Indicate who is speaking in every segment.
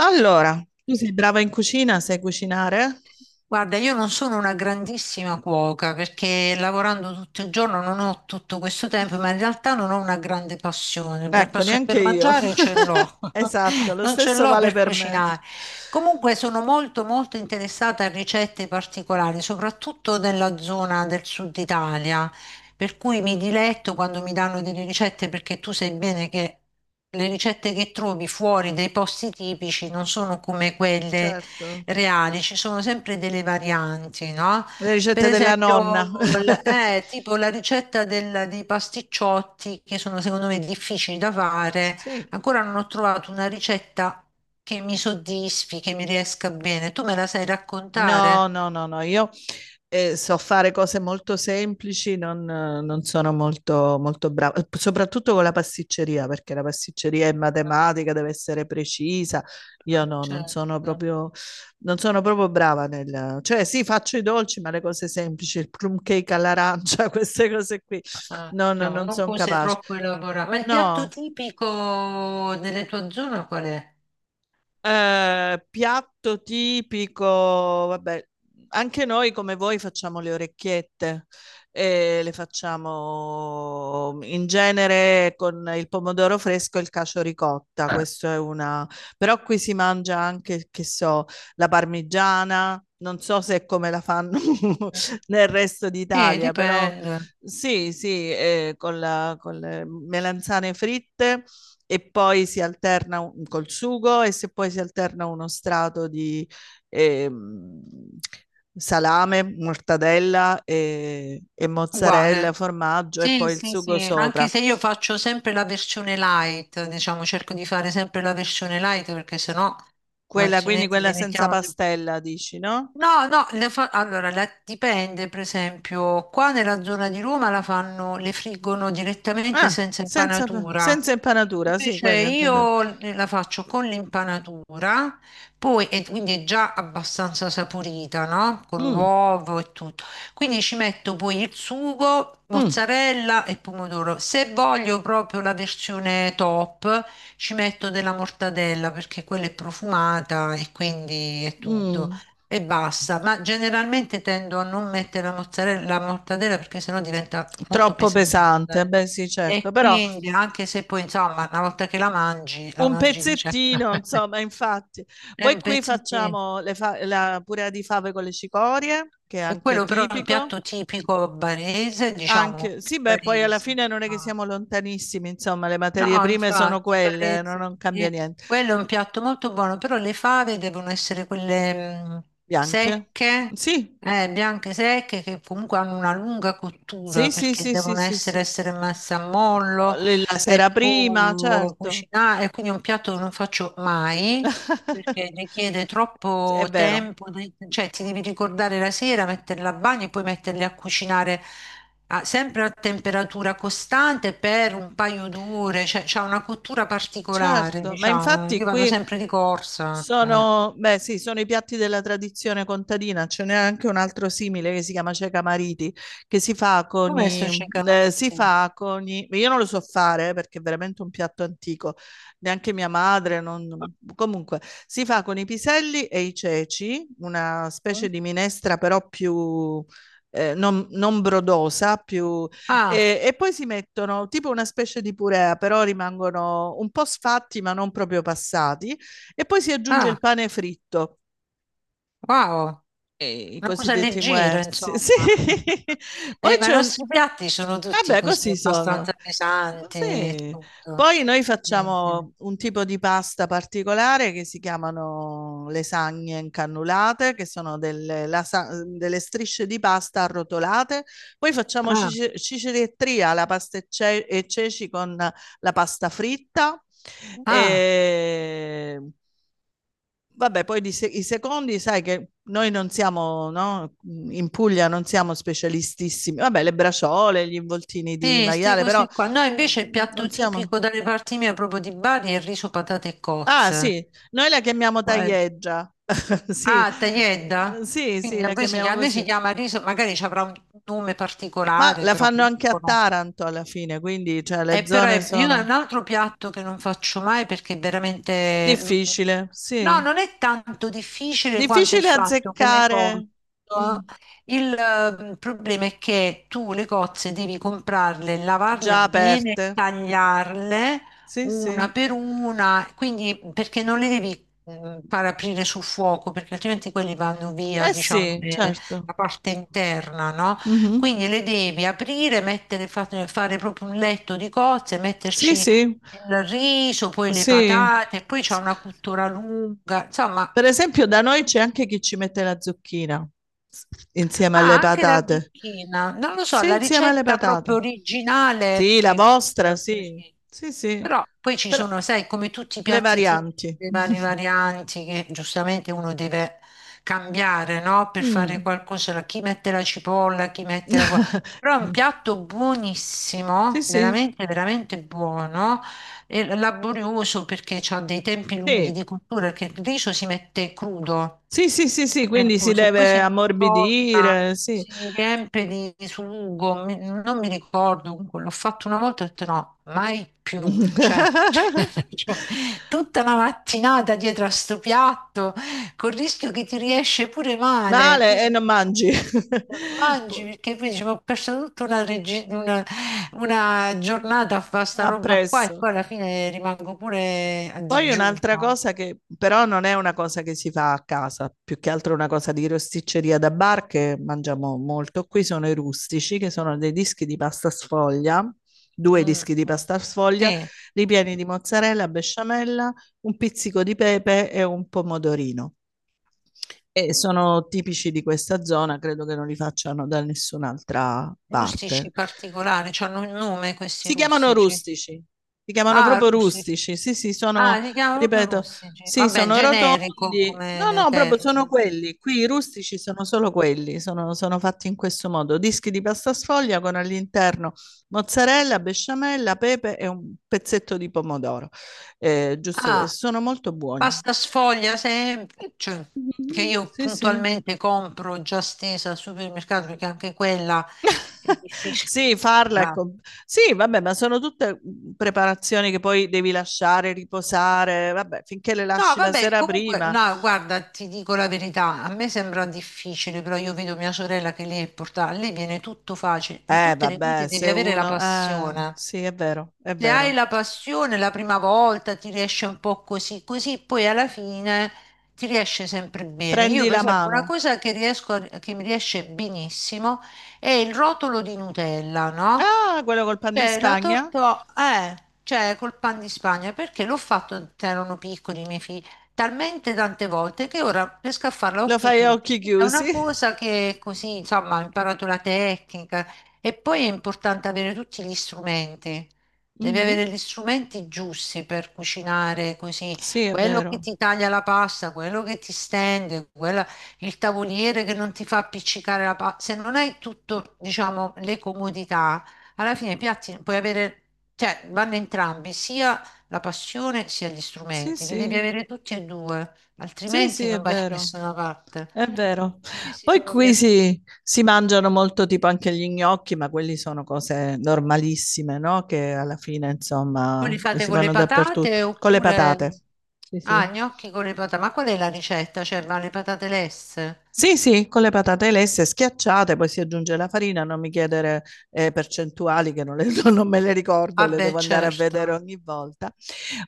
Speaker 1: Allora, tu sei brava in cucina, sai cucinare?
Speaker 2: Guarda, io non sono una grandissima cuoca perché lavorando tutto il giorno non ho tutto questo tempo, ma in realtà non ho una grande passione. La
Speaker 1: Ecco,
Speaker 2: passione
Speaker 1: neanche
Speaker 2: per
Speaker 1: io.
Speaker 2: mangiare ce l'ho,
Speaker 1: Esatto, lo
Speaker 2: non ce
Speaker 1: stesso
Speaker 2: l'ho
Speaker 1: vale
Speaker 2: per
Speaker 1: per me.
Speaker 2: cucinare. Comunque sono molto molto interessata a ricette particolari, soprattutto nella zona del sud Italia, per cui mi diletto quando mi danno delle ricette perché tu sai bene che le ricette che trovi fuori dai posti tipici non sono come quelle
Speaker 1: Certo,
Speaker 2: reale, ci sono sempre delle varianti, no?
Speaker 1: le
Speaker 2: Per
Speaker 1: ricette della
Speaker 2: esempio,
Speaker 1: nonna.
Speaker 2: tipo la ricetta dei pasticciotti, che sono secondo me difficili da fare,
Speaker 1: Sì,
Speaker 2: ancora non ho trovato una ricetta che mi soddisfi, che mi riesca bene. Tu me la sai
Speaker 1: no,
Speaker 2: raccontare?
Speaker 1: no, no, no, io so fare cose molto semplici, non sono molto brava, soprattutto con la pasticceria, perché la pasticceria è
Speaker 2: Ah.
Speaker 1: matematica, deve essere precisa. Io no,
Speaker 2: Certo.
Speaker 1: non sono proprio brava nel... Cioè sì, faccio i dolci, ma le cose semplici, il plum cake all'arancia, queste cose qui,
Speaker 2: Ah,
Speaker 1: no, no,
Speaker 2: diciamo,
Speaker 1: non
Speaker 2: non
Speaker 1: sono
Speaker 2: cose
Speaker 1: capace.
Speaker 2: troppo elaborate. Ma il piatto
Speaker 1: No.
Speaker 2: tipico delle tue zone qual è?
Speaker 1: Piatto tipico, vabbè, anche noi come voi facciamo le orecchiette e le facciamo in genere con il pomodoro fresco e il cacio ricotta, questo è una... però qui si mangia anche, che so, la parmigiana, non so se è come la fanno nel resto d'Italia, però
Speaker 2: Dipende.
Speaker 1: sì, sì, con con le melanzane fritte e poi si alterna un, col sugo e se poi si alterna uno strato di ehm, salame, mortadella e mozzarella,
Speaker 2: Uguale.
Speaker 1: formaggio e
Speaker 2: Sì,
Speaker 1: poi il
Speaker 2: sì,
Speaker 1: sugo
Speaker 2: sì, anche
Speaker 1: sopra.
Speaker 2: se io faccio sempre la versione light, diciamo, cerco di fare sempre la versione light perché sennò
Speaker 1: Quella, quindi
Speaker 2: altrimenti
Speaker 1: quella senza
Speaker 2: diventiamo...
Speaker 1: pastella, dici, no?
Speaker 2: No, no, allora dipende, per esempio, qua nella zona di Roma la fanno, le friggono direttamente
Speaker 1: Ah,
Speaker 2: senza
Speaker 1: senza,
Speaker 2: impanatura.
Speaker 1: senza impanatura, sì,
Speaker 2: Invece
Speaker 1: quella intendevo.
Speaker 2: io la faccio con l'impanatura, poi e quindi è già abbastanza saporita, no? Con
Speaker 1: Mm,
Speaker 2: l'uovo e tutto. Quindi ci metto poi il sugo,
Speaker 1: mm,
Speaker 2: mozzarella e pomodoro. Se voglio proprio la versione top, ci metto della mortadella perché quella è profumata e quindi è tutto
Speaker 1: mm.
Speaker 2: e basta, ma generalmente tendo a non mettere la mozzarella, la mortadella perché sennò diventa molto
Speaker 1: Troppo
Speaker 2: pesante.
Speaker 1: pesante, beh sì,
Speaker 2: E
Speaker 1: certo, però
Speaker 2: quindi, anche se poi, insomma, una volta che la
Speaker 1: un
Speaker 2: mangi di certo.
Speaker 1: pezzettino, insomma, infatti.
Speaker 2: È un
Speaker 1: Poi qui
Speaker 2: pezzettino.
Speaker 1: facciamo la purea di fave con le cicorie, che è
Speaker 2: E
Speaker 1: anche
Speaker 2: quello però è un
Speaker 1: tipico.
Speaker 2: piatto tipico barese, diciamo,
Speaker 1: Anche, sì, beh, poi alla
Speaker 2: barese,
Speaker 1: fine non è che
Speaker 2: diciamo.
Speaker 1: siamo lontanissimi, insomma, le materie
Speaker 2: No,
Speaker 1: prime sono
Speaker 2: infatti,
Speaker 1: quelle,
Speaker 2: parese.
Speaker 1: non cambia niente.
Speaker 2: Quello è un piatto molto buono, però le fave devono essere quelle
Speaker 1: Bianche?
Speaker 2: secche,
Speaker 1: Sì,
Speaker 2: bianche secche, che comunque hanno una lunga cottura
Speaker 1: sì, sì,
Speaker 2: perché
Speaker 1: sì, sì,
Speaker 2: devono
Speaker 1: sì, sì.
Speaker 2: essere messe a mollo
Speaker 1: La sera
Speaker 2: e
Speaker 1: prima,
Speaker 2: poi
Speaker 1: certo.
Speaker 2: cucinare. E quindi è un piatto che non faccio mai, perché richiede
Speaker 1: È
Speaker 2: troppo
Speaker 1: vero,
Speaker 2: tempo, cioè ti devi ricordare la sera, metterle a bagno e poi metterle a cucinare sempre a temperatura costante per un paio d'ore, cioè c'ha una cottura particolare,
Speaker 1: certo, ma
Speaker 2: diciamo.
Speaker 1: infatti
Speaker 2: Io vado
Speaker 1: qui
Speaker 2: sempre di corsa, cioè.
Speaker 1: sono, beh, sì, sono i piatti della tradizione contadina, ce n'è anche un altro simile che si chiama cieca mariti, che si fa con
Speaker 2: Com'è sto
Speaker 1: i, si
Speaker 2: ceccamarite?
Speaker 1: fa con i, io non lo so fare perché è veramente un piatto antico, neanche mia madre, comunque, si fa con i piselli e i ceci, una
Speaker 2: Mm?
Speaker 1: specie di minestra però più, non brodosa, più,
Speaker 2: Ah,
Speaker 1: e poi si mettono tipo una specie di purea, però rimangono un po' sfatti ma non proprio passati e poi si aggiunge il
Speaker 2: ah,
Speaker 1: pane fritto,
Speaker 2: wow,
Speaker 1: e i
Speaker 2: una cosa
Speaker 1: cosiddetti
Speaker 2: leggera,
Speaker 1: muerzi.
Speaker 2: insomma.
Speaker 1: Sì. Poi
Speaker 2: Ma i
Speaker 1: c'è un...
Speaker 2: nostri piatti sono tutti
Speaker 1: Vabbè,
Speaker 2: così,
Speaker 1: così sono.
Speaker 2: abbastanza pesanti e
Speaker 1: Sì.
Speaker 2: tutto.
Speaker 1: Poi noi
Speaker 2: Sì, sì.
Speaker 1: facciamo un tipo di pasta particolare che si chiamano lasagne incannulate, che sono delle strisce di pasta arrotolate. Poi facciamo
Speaker 2: Ah.
Speaker 1: cicerettria alla pasta e ceci con la pasta fritta.
Speaker 2: Ah,
Speaker 1: E... Vabbè, poi di i secondi, sai che noi non siamo, no? In Puglia non siamo specialistissimi. Vabbè, le braciole, gli involtini
Speaker 2: sì,
Speaker 1: di
Speaker 2: queste
Speaker 1: maiale, però
Speaker 2: cose qua. No, invece il piatto
Speaker 1: non siamo...
Speaker 2: tipico dalle parti mie, proprio di Bari, è il riso, patate e
Speaker 1: Ah,
Speaker 2: cozze.
Speaker 1: sì, noi la chiamiamo
Speaker 2: Uè.
Speaker 1: taglieggia. Sì,
Speaker 2: Ah, tagliedda?
Speaker 1: sì, sì,
Speaker 2: Quindi a
Speaker 1: la
Speaker 2: voi si
Speaker 1: chiamiamo
Speaker 2: chiama, a noi si
Speaker 1: così.
Speaker 2: chiama riso, magari ci avrà un nome
Speaker 1: Ma
Speaker 2: particolare,
Speaker 1: la
Speaker 2: però
Speaker 1: fanno
Speaker 2: io
Speaker 1: anche a
Speaker 2: conosco.
Speaker 1: Taranto alla fine, quindi cioè, le
Speaker 2: Però
Speaker 1: zone
Speaker 2: io ho
Speaker 1: sono
Speaker 2: un altro piatto che non faccio mai perché è veramente...
Speaker 1: difficile,
Speaker 2: No,
Speaker 1: sì.
Speaker 2: non è tanto difficile quanto il
Speaker 1: Difficile
Speaker 2: fatto che le cozze...
Speaker 1: azzeccare mm,
Speaker 2: eh. Il problema è che tu le cozze devi comprarle, lavarle
Speaker 1: già
Speaker 2: bene,
Speaker 1: aperte.
Speaker 2: tagliarle
Speaker 1: Sì,
Speaker 2: una
Speaker 1: sì.
Speaker 2: per una, quindi perché non le devi far aprire sul fuoco, perché altrimenti quelli vanno via,
Speaker 1: Eh
Speaker 2: diciamo,
Speaker 1: sì, certo.
Speaker 2: la parte interna, no?
Speaker 1: Mh-mh.
Speaker 2: Quindi le devi aprire, mettere, fare proprio un letto di cozze,
Speaker 1: Sì,
Speaker 2: metterci
Speaker 1: sì.
Speaker 2: il riso, poi le
Speaker 1: Sì.
Speaker 2: patate, poi c'è
Speaker 1: S
Speaker 2: una cottura lunga, insomma.
Speaker 1: Per esempio da noi c'è anche chi ci mette la zucchina s insieme alle
Speaker 2: Ah, anche la
Speaker 1: patate.
Speaker 2: zucchina. Non lo so,
Speaker 1: Sì,
Speaker 2: la
Speaker 1: insieme alle
Speaker 2: ricetta proprio
Speaker 1: patate.
Speaker 2: originale
Speaker 1: Sì, la
Speaker 2: credo
Speaker 1: vostra,
Speaker 2: sia
Speaker 1: sì.
Speaker 2: così.
Speaker 1: Sì, sì.
Speaker 2: Però poi ci
Speaker 1: Però
Speaker 2: sono, sai, come tutti i
Speaker 1: le
Speaker 2: piatti tipici,
Speaker 1: varianti.
Speaker 2: le varie varianti che giustamente uno deve cambiare, no? Per fare
Speaker 1: Mh.
Speaker 2: qualcosa. Chi mette la cipolla, chi mette la...
Speaker 1: Mh.
Speaker 2: Però è un piatto
Speaker 1: Sì,
Speaker 2: buonissimo,
Speaker 1: sì.
Speaker 2: veramente, veramente buono, e laborioso perché ha dei tempi lunghi
Speaker 1: Sì.
Speaker 2: di cottura, perché il riso si mette crudo
Speaker 1: Sì, sì, sì, sì,
Speaker 2: per
Speaker 1: quindi
Speaker 2: cui
Speaker 1: si
Speaker 2: se poi si
Speaker 1: deve
Speaker 2: informa,
Speaker 1: ammorbidire, sì.
Speaker 2: si riempie di sugo, non mi ricordo, comunque l'ho fatto una volta e ho detto no, mai più, cioè, cioè, tutta la mattinata dietro a sto piatto, col rischio che ti riesce pure male,
Speaker 1: Male e
Speaker 2: quindi
Speaker 1: non
Speaker 2: alla
Speaker 1: mangi.
Speaker 2: fine ti lo mangi
Speaker 1: Po-
Speaker 2: perché poi dici, "Ma ho perso tutta una giornata a fare sta roba qua
Speaker 1: Appresso.
Speaker 2: e poi alla fine rimango pure a
Speaker 1: Poi un'altra
Speaker 2: digiuno.
Speaker 1: cosa che però non è una cosa che si fa a casa, più che altro una cosa di rosticceria da bar che mangiamo molto qui, sono i rustici, che sono dei dischi di pasta sfoglia, due
Speaker 2: Mm,
Speaker 1: dischi di
Speaker 2: mm.
Speaker 1: pasta sfoglia,
Speaker 2: Sì.
Speaker 1: ripieni di mozzarella, besciamella, un pizzico di pepe e un pomodorino. E sono tipici di questa zona, credo che non li facciano da nessun'altra
Speaker 2: Rustici
Speaker 1: parte.
Speaker 2: particolari, cioè hanno un nome questi
Speaker 1: Si chiamano
Speaker 2: rustici.
Speaker 1: rustici, si chiamano
Speaker 2: Ah,
Speaker 1: proprio
Speaker 2: rustici.
Speaker 1: rustici. Sì, sì,
Speaker 2: Ah,
Speaker 1: sono,
Speaker 2: li chiamano proprio
Speaker 1: ripeto,
Speaker 2: rustici.
Speaker 1: sì,
Speaker 2: Vabbè,
Speaker 1: sono rotondi.
Speaker 2: generico
Speaker 1: No,
Speaker 2: come
Speaker 1: no, proprio sono
Speaker 2: termine.
Speaker 1: quelli. Qui i rustici sono solo quelli, sono, sono fatti in questo modo. Dischi di pasta sfoglia con all'interno mozzarella, besciamella, pepe e un pezzetto di pomodoro. Giusto
Speaker 2: Ah,
Speaker 1: questo. Sono molto buoni.
Speaker 2: pasta sfoglia semplice, che
Speaker 1: Mhm,
Speaker 2: io
Speaker 1: sì, sì.
Speaker 2: puntualmente compro già stesa al supermercato perché anche quella è difficile.
Speaker 1: Sì, farla è
Speaker 2: Ah.
Speaker 1: com- sì, vabbè, ma sono tutte preparazioni che poi devi lasciare riposare, vabbè, finché le
Speaker 2: No,
Speaker 1: lasci la
Speaker 2: vabbè,
Speaker 1: sera
Speaker 2: comunque,
Speaker 1: prima.
Speaker 2: no, guarda, ti dico la verità, a me sembra difficile, però io vedo mia sorella che lei è portata, a lei viene tutto facile, in tutte le cose
Speaker 1: Vabbè,
Speaker 2: devi
Speaker 1: se
Speaker 2: avere la
Speaker 1: uno...
Speaker 2: passione.
Speaker 1: sì, è vero, è
Speaker 2: Se hai
Speaker 1: vero.
Speaker 2: la passione la prima volta ti riesce un po' così, così poi alla fine ti riesce sempre bene. Io,
Speaker 1: Prendi
Speaker 2: per
Speaker 1: la
Speaker 2: esempio, una
Speaker 1: mano.
Speaker 2: cosa che che mi riesce benissimo è il rotolo di Nutella, no?
Speaker 1: Ah, quello col pan di
Speaker 2: Cioè,
Speaker 1: Spagna?
Speaker 2: cioè, col pan di Spagna, perché l'ho fatto quando erano piccoli i miei figli, talmente tante volte che ora riesco a farla a
Speaker 1: Lo
Speaker 2: occhi
Speaker 1: fai a
Speaker 2: chiusi.
Speaker 1: occhi
Speaker 2: È
Speaker 1: chiusi?
Speaker 2: una cosa che così, insomma, ho imparato la tecnica e poi è importante avere tutti gli strumenti. Devi avere
Speaker 1: Mhm.
Speaker 2: gli strumenti giusti per cucinare così,
Speaker 1: Sì, è
Speaker 2: quello che
Speaker 1: vero.
Speaker 2: ti taglia la pasta, quello che ti stende, il tavoliere che non ti fa appiccicare la pasta. Se non hai tutto, diciamo, le comodità, alla fine i piatti puoi avere, cioè vanno entrambi, sia la passione sia gli
Speaker 1: Sì,
Speaker 2: strumenti, li devi
Speaker 1: sì.
Speaker 2: avere tutti e due,
Speaker 1: Sì, sì,
Speaker 2: altrimenti
Speaker 1: è
Speaker 2: non vai da
Speaker 1: vero.
Speaker 2: nessuna parte.
Speaker 1: È vero.
Speaker 2: Questi
Speaker 1: Poi
Speaker 2: sono
Speaker 1: qui
Speaker 2: piatti.
Speaker 1: si mangiano molto tipo anche gli gnocchi, ma quelli sono cose normalissime, no? Che alla fine,
Speaker 2: Voi
Speaker 1: insomma,
Speaker 2: li fate
Speaker 1: si
Speaker 2: con le
Speaker 1: fanno dappertutto.
Speaker 2: patate
Speaker 1: Con le
Speaker 2: oppure...
Speaker 1: patate. Sì,
Speaker 2: Ah,
Speaker 1: sì.
Speaker 2: gnocchi con le patate, ma qual è la ricetta? Cioè, ma le patate lesse?
Speaker 1: Sì, sì, con le patate lesse schiacciate, poi si aggiunge la farina, non mi chiedere percentuali che non, le- non me le ricordo,
Speaker 2: Ah
Speaker 1: le
Speaker 2: beh,
Speaker 1: devo andare a vedere
Speaker 2: certo.
Speaker 1: ogni volta.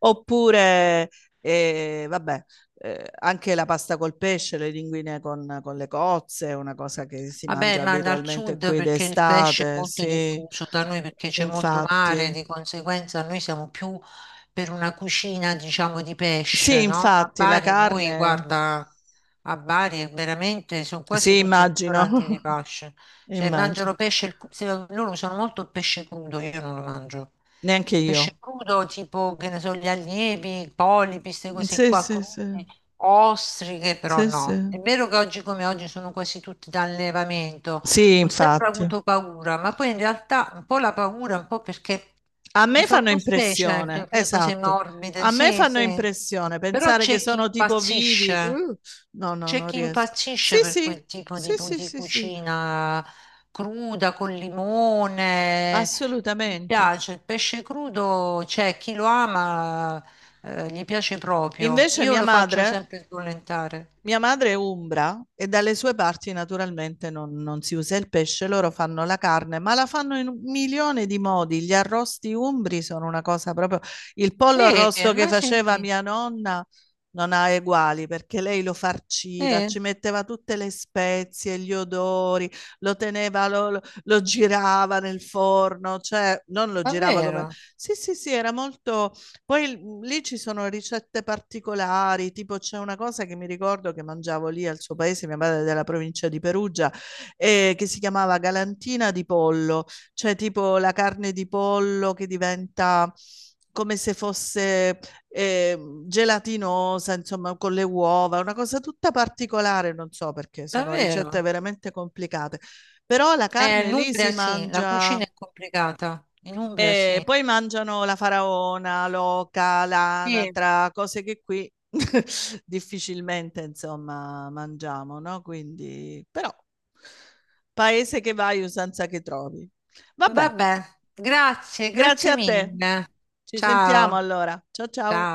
Speaker 1: Oppure, vabbè, anche la pasta col pesce, le linguine con le cozze, una cosa che si mangia
Speaker 2: Vabbè, ma dal
Speaker 1: abitualmente
Speaker 2: sud
Speaker 1: qui
Speaker 2: perché il pesce è
Speaker 1: d'estate,
Speaker 2: molto
Speaker 1: sì,
Speaker 2: diffuso da noi perché c'è molto mare,
Speaker 1: infatti.
Speaker 2: di conseguenza noi siamo più per una cucina, diciamo, di
Speaker 1: Sì,
Speaker 2: pesce, no? A
Speaker 1: infatti, la
Speaker 2: Bari voi,
Speaker 1: carne,
Speaker 2: guarda, a Bari è veramente sono quasi
Speaker 1: sì,
Speaker 2: tutti i
Speaker 1: immagino,
Speaker 2: ristoranti di pesce. Cioè,
Speaker 1: immagino.
Speaker 2: mangiano pesce, il cru- se- loro usano molto il pesce crudo, io non lo mangio.
Speaker 1: Neanche
Speaker 2: Pesce
Speaker 1: io.
Speaker 2: crudo tipo, che ne so, gli allievi, i polipi, queste cose
Speaker 1: Sì,
Speaker 2: qua
Speaker 1: sì,
Speaker 2: crude.
Speaker 1: sì,
Speaker 2: Ostriche però
Speaker 1: sì, sì.
Speaker 2: no, è vero che oggi come oggi sono quasi tutti da allevamento,
Speaker 1: Sì,
Speaker 2: ho sempre
Speaker 1: infatti.
Speaker 2: avuto paura, ma poi in realtà un po' la paura, un po' perché
Speaker 1: A
Speaker 2: mi
Speaker 1: me
Speaker 2: fa un
Speaker 1: fanno
Speaker 2: po' specie,
Speaker 1: impressione,
Speaker 2: perché cose
Speaker 1: esatto.
Speaker 2: morbide,
Speaker 1: A me
Speaker 2: sì,
Speaker 1: fanno
Speaker 2: sì,
Speaker 1: impressione
Speaker 2: però
Speaker 1: pensare che sono tipo vivi. No, no,
Speaker 2: c'è
Speaker 1: non
Speaker 2: chi
Speaker 1: riesco. Sì,
Speaker 2: impazzisce per
Speaker 1: sì,
Speaker 2: quel tipo di,
Speaker 1: sì, sì,
Speaker 2: di
Speaker 1: sì, sì,
Speaker 2: cucina cruda, con limone. Mi
Speaker 1: assolutamente.
Speaker 2: piace il pesce crudo, c'è chi lo ama, gli piace proprio.
Speaker 1: Invece
Speaker 2: Io lo faccio sempre sbollentare.
Speaker 1: mia madre è umbra e dalle sue parti naturalmente non si usa il pesce, loro fanno la carne, ma la fanno in un milione di modi. Gli arrosti umbri sono una cosa proprio... Il pollo
Speaker 2: Sì,
Speaker 1: arrosto che
Speaker 2: ma
Speaker 1: faceva
Speaker 2: senti,
Speaker 1: mia nonna non ha uguali perché lei lo farciva,
Speaker 2: eh,
Speaker 1: ci metteva tutte le spezie, gli odori, lo teneva, lo girava nel forno, cioè non lo girava come...
Speaker 2: davvero,
Speaker 1: Sì, sì, sì, era molto... Poi mm, lì ci sono ricette particolari, tipo c'è una cosa che mi ricordo che mangiavo lì al suo paese, mia madre è della provincia di Perugia, che si chiamava galantina di pollo, cioè tipo la carne di pollo che diventa come se fosse gelatinosa, insomma, con le uova, una cosa tutta particolare, non so perché, sono ricette
Speaker 2: davvero.
Speaker 1: veramente complicate. Però la carne
Speaker 2: In
Speaker 1: lì
Speaker 2: Umbria
Speaker 1: si
Speaker 2: sì, la cucina
Speaker 1: mangia,
Speaker 2: è complicata. In Umbria
Speaker 1: e
Speaker 2: sì.
Speaker 1: poi mangiano la faraona, l'oca,
Speaker 2: Sì,
Speaker 1: l'anatra, cose che qui difficilmente, insomma, mangiamo, no? Quindi, però, paese che vai, usanza che trovi. Vabbè,
Speaker 2: vabbè, grazie,
Speaker 1: grazie
Speaker 2: grazie
Speaker 1: a te.
Speaker 2: mille.
Speaker 1: Ci sentiamo
Speaker 2: Ciao,
Speaker 1: allora. Ciao
Speaker 2: ciao.
Speaker 1: ciao.